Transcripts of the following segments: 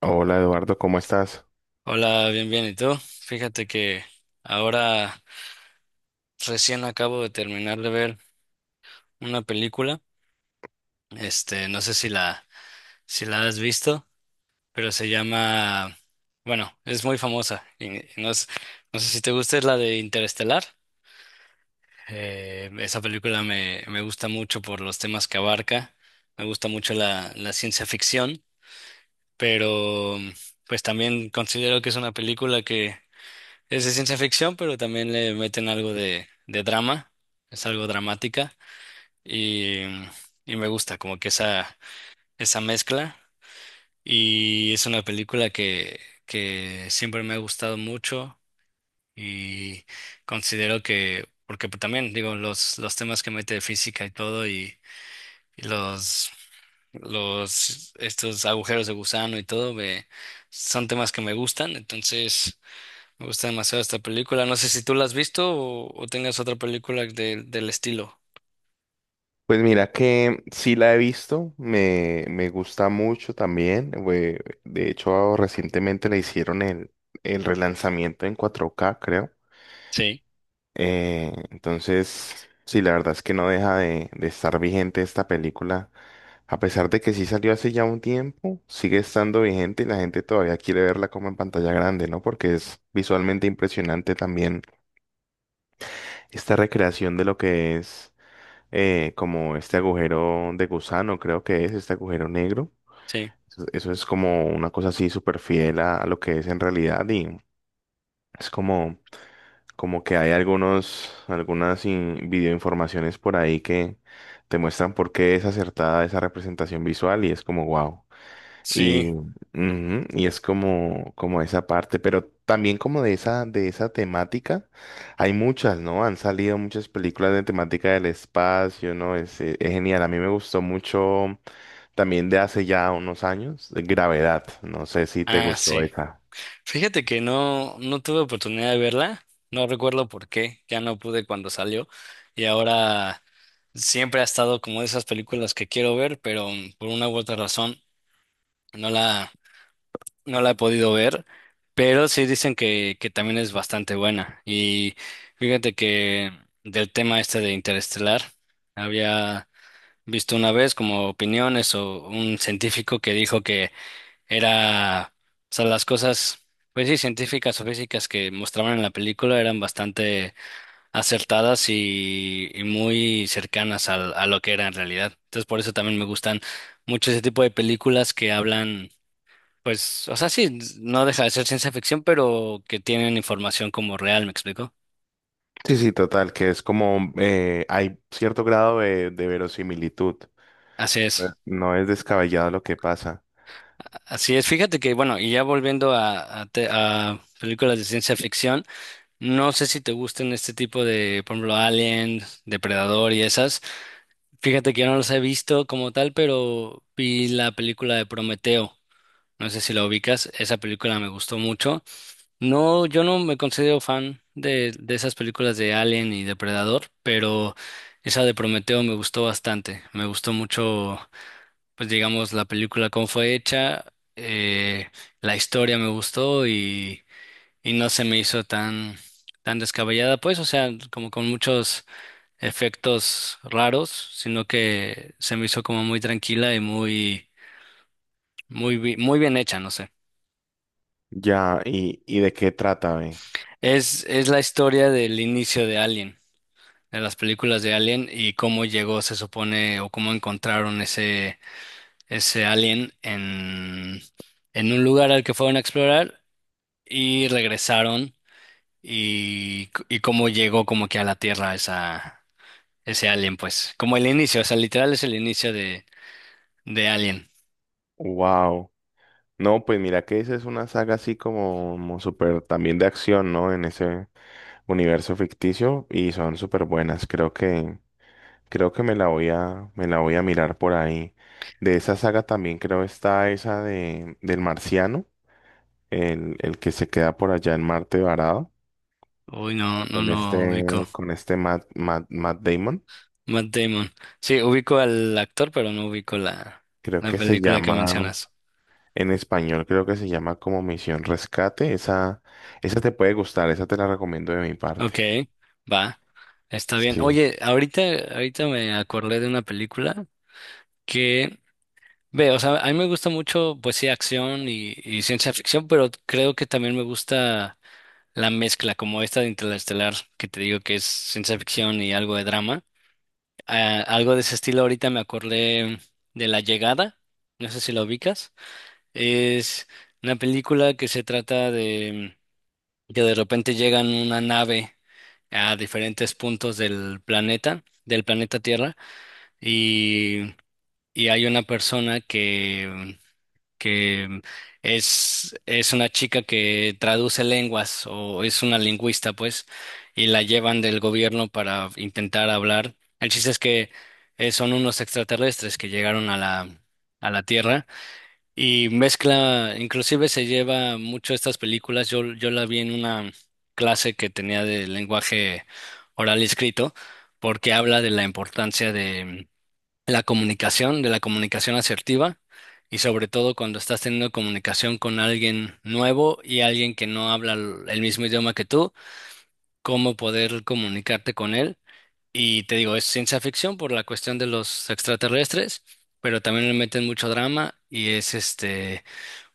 Hola Eduardo, ¿cómo estás? Hola, bien, bien. ¿Y tú? Fíjate que ahora recién acabo de terminar de ver una película. Este, no sé si la has visto, pero se llama, bueno, es muy famosa. Y no, no sé si te gusta, es la de Interestelar. Esa película me gusta mucho por los temas que abarca. Me gusta mucho la ciencia ficción, pero pues también considero que es una película que es de ciencia ficción, pero también le meten algo de drama, es algo dramática y, y me gusta como que esa mezcla y es una película que siempre me ha gustado mucho y considero que, porque también digo, los temas que mete de física y todo y estos agujeros de gusano y todo, son temas que me gustan, entonces. Me gusta demasiado esta película. No sé si tú la has visto o tengas otra película del estilo. Pues mira que sí la he visto, me gusta mucho también. De hecho, recientemente le hicieron el relanzamiento en 4K, creo. Sí, Entonces, sí, la verdad es que no deja de estar vigente esta película. A pesar de que sí salió hace ya un tiempo, sigue estando vigente y la gente todavía quiere verla como en pantalla grande, ¿no? Porque es visualmente impresionante también esta recreación de lo que es. Como este agujero de gusano, creo que es este agujero negro. sí, Eso es como una cosa así súper fiel a lo que es en realidad y es como que hay algunas videoinformaciones por ahí que te muestran por qué es acertada esa representación visual y es como wow. Sí. Y es como, como esa parte, pero también como de de esa temática, hay muchas, ¿no? Han salido muchas películas de temática del espacio, ¿no? Es genial. A mí me gustó mucho también de hace ya unos años, de Gravedad. No sé si te Ah, gustó sí. esa. Fíjate que no, no tuve oportunidad de verla. No recuerdo por qué. Ya no pude cuando salió. Y ahora siempre ha estado como de esas películas que quiero ver, pero por una u otra razón no la, no la he podido ver. Pero sí dicen que también es bastante buena. Y fíjate que del tema este de Interestelar había visto una vez como opiniones o un científico que dijo que era, o sea, las cosas, pues sí, científicas o físicas que mostraban en la película eran bastante acertadas y muy cercanas a, lo que era en realidad. Entonces, por eso también me gustan mucho ese tipo de películas que hablan, pues, o sea, sí, no deja de ser ciencia ficción, pero que tienen información como real, ¿me explico? Sí, sí, total, que es como hay cierto grado de verosimilitud. Así es, No es descabellado lo que pasa. así es. Fíjate que, bueno, y ya volviendo a, a películas de ciencia ficción. No sé si te gustan este tipo de, por ejemplo, Alien, Depredador y esas. Fíjate que yo no los he visto como tal, pero vi la película de Prometeo. No sé si la ubicas. Esa película me gustó mucho. No, yo no me considero fan de esas películas de Alien y Depredador, pero esa de Prometeo me gustó bastante. Me gustó mucho, pues digamos, la película cómo fue hecha, eh, la historia me gustó y no se me hizo tan, tan descabellada, pues, o sea, como con muchos efectos raros, sino que se me hizo como muy tranquila y muy bien hecha, no sé. Ya, y de qué trata, ve? Es la historia del inicio de Alien, de las películas de Alien y cómo llegó, se supone, o cómo encontraron ese, ese alien en un lugar al que fueron a explorar y regresaron y, y cómo llegó como que a la Tierra, esa, ese Alien, pues. Como el inicio, o sea, literal es el inicio de Alien. Wow. No, pues mira que esa es una saga así como, como súper también de acción, ¿no? En ese universo ficticio y son súper buenas. Creo que me la me la voy a mirar por ahí. De esa saga también creo está esa de, del marciano, el que se queda por allá en Marte varado, Uy, no, no, no ubico. Con este Matt Damon. Matt Damon. Sí, ubico al actor, pero no ubico la, Creo la que se película que llama, mencionas. En español creo que se llama como Misión Rescate. Esa te puede gustar, esa te la recomiendo de mi parte. Ok, va. Está bien. Sí. Oye, ahorita, ahorita me acordé de una película que, ve, o sea, a mí me gusta mucho, pues sí, acción y ciencia ficción, pero creo que también me gusta la mezcla, como esta de Interestelar, que te digo que es ciencia ficción y algo de drama. Algo de ese estilo ahorita me acordé de La Llegada, no sé si la ubicas. Es una película que se trata de que de repente llegan una nave a diferentes puntos del planeta Tierra, y, y hay una persona que es una chica que traduce lenguas o es una lingüista, pues, y la llevan del gobierno para intentar hablar. El chiste es que son unos extraterrestres que llegaron a la Tierra y mezcla, inclusive se lleva mucho estas películas. Yo la vi en una clase que tenía de lenguaje oral y escrito, porque habla de la importancia la comunicación, de la comunicación asertiva y sobre todo cuando estás teniendo comunicación con alguien nuevo y alguien que no habla el mismo idioma que tú, cómo poder comunicarte con él. Y te digo, es ciencia ficción por la cuestión de los extraterrestres, pero también le meten mucho drama y es este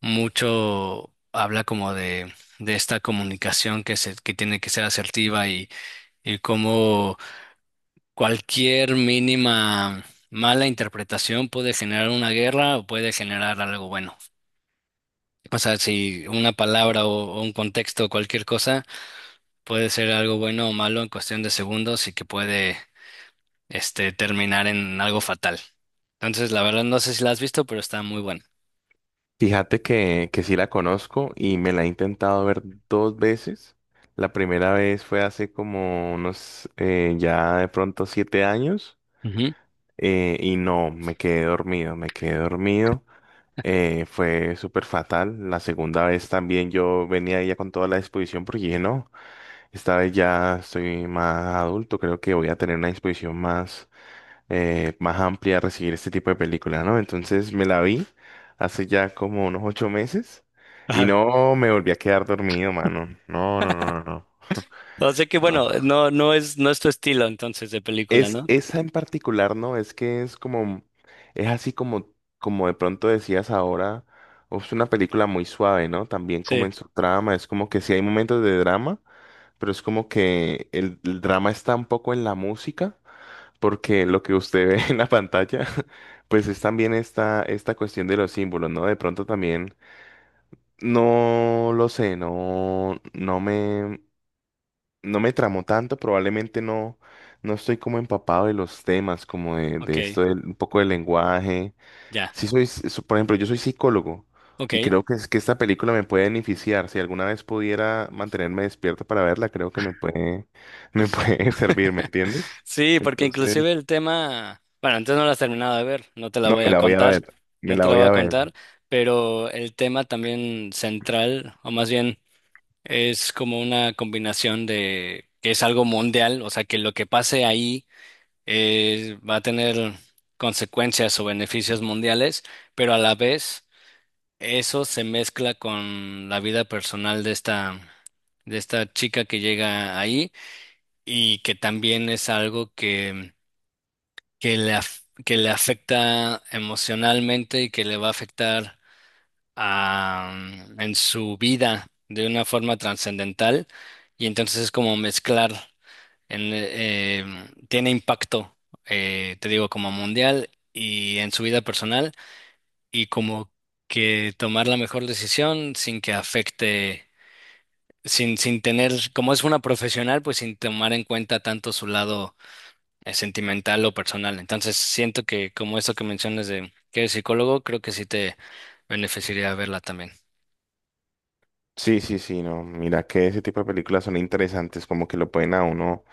mucho habla como de esta comunicación que tiene que ser asertiva y cómo cualquier mínima mala interpretación puede generar una guerra o puede generar algo bueno. O sea, si una palabra o un contexto o cualquier cosa puede ser algo bueno o malo en cuestión de segundos y que puede terminar en algo fatal. Entonces, la verdad no sé si la has visto, pero está muy buena. Fíjate que sí la conozco y me la he intentado ver dos veces. La primera vez fue hace como unos ya de pronto siete años, Ujú. Y no, me quedé dormido. Fue súper fatal. La segunda vez también yo venía ya con toda la disposición porque dije, no, esta vez ya estoy más adulto, creo que voy a tener una disposición más más amplia a recibir este tipo de películas, ¿no? Entonces me la vi hace ya como unos ocho meses y Ajá. no me volví a quedar dormido, mano. No, no, no, no, no. O sea que No. bueno, no, no es, no es tu estilo entonces de película, Es ¿no? esa en particular, ¿no? Es que es es así como, como de pronto decías ahora, es una película muy suave, ¿no? También como Sí. en su trama, es como que sí hay momentos de drama, pero es como que el drama está un poco en la música. Porque lo que usted ve en la pantalla, pues es también esta cuestión de los símbolos, ¿no? De pronto también, no lo sé, no me tramó tanto, probablemente no, no estoy como empapado de los temas, como Ok, de esto, un poco del lenguaje. ya. Sí soy, por ejemplo, yo soy psicólogo Ok. y creo que, es que esta película me puede beneficiar. Si alguna vez pudiera mantenerme despierto para verla, creo que me puede, me puede servir, ¿me entiendes? Sí, porque Entonces... inclusive el tema, bueno, entonces no lo has terminado de ver, no te la No, voy me a la voy a contar, ver, me no te la la voy voy a a ver. contar, pero el tema también central, o más bien es como una combinación de que es algo mundial, o sea, que lo que pase ahí va a tener consecuencias o beneficios mundiales, pero a la vez eso se mezcla con la vida personal de esta chica que llega ahí y que también es algo que le afecta emocionalmente y que le va a afectar a, en su vida de una forma trascendental. Y entonces es como mezclar, tiene impacto, te digo, como mundial y en su vida personal y como que tomar la mejor decisión sin que afecte. Sin tener, como es una profesional, pues sin tomar en cuenta tanto su lado sentimental o personal. Entonces, siento que como eso que mencionas de que eres psicólogo, creo que sí te beneficiaría verla también. Sí, sí, sí, no, mira que ese tipo de películas son interesantes, como que lo pueden a uno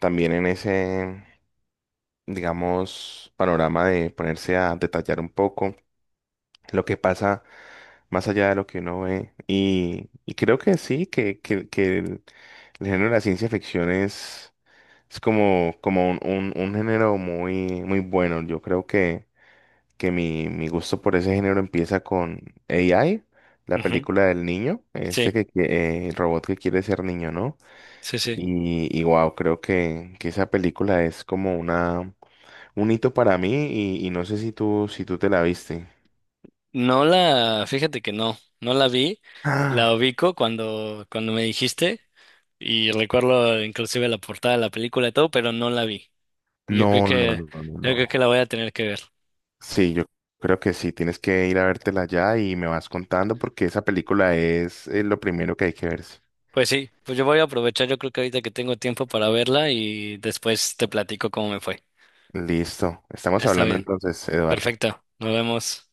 también en ese, digamos, panorama de ponerse a detallar un poco lo que pasa más allá de lo que uno ve. Y creo que sí, que el género de la ciencia ficción es como, como un género muy, muy bueno. Yo creo que Mi gusto por ese género empieza con AI, la Ujú. película del niño, Sí, el robot que quiere ser niño, ¿no? sí, sí. Y wow, que esa película es como una, un hito para mí y no sé si si tú te la viste. No la, fíjate que no, no la vi, la Ah, ubico cuando, cuando me dijiste y recuerdo inclusive la portada de la película y todo, pero no la vi. Yo creo no, no, que, no, no, yo creo que no. la voy a tener que ver. Sí, yo creo que sí, tienes que ir a vértela ya y me vas contando porque esa película es, lo primero que hay que verse. Pues sí, pues yo voy a aprovechar, yo creo que ahorita que tengo tiempo para verla y después te platico cómo me fue. Listo, estamos Está hablando bien, entonces, Eduardo. perfecto, nos vemos.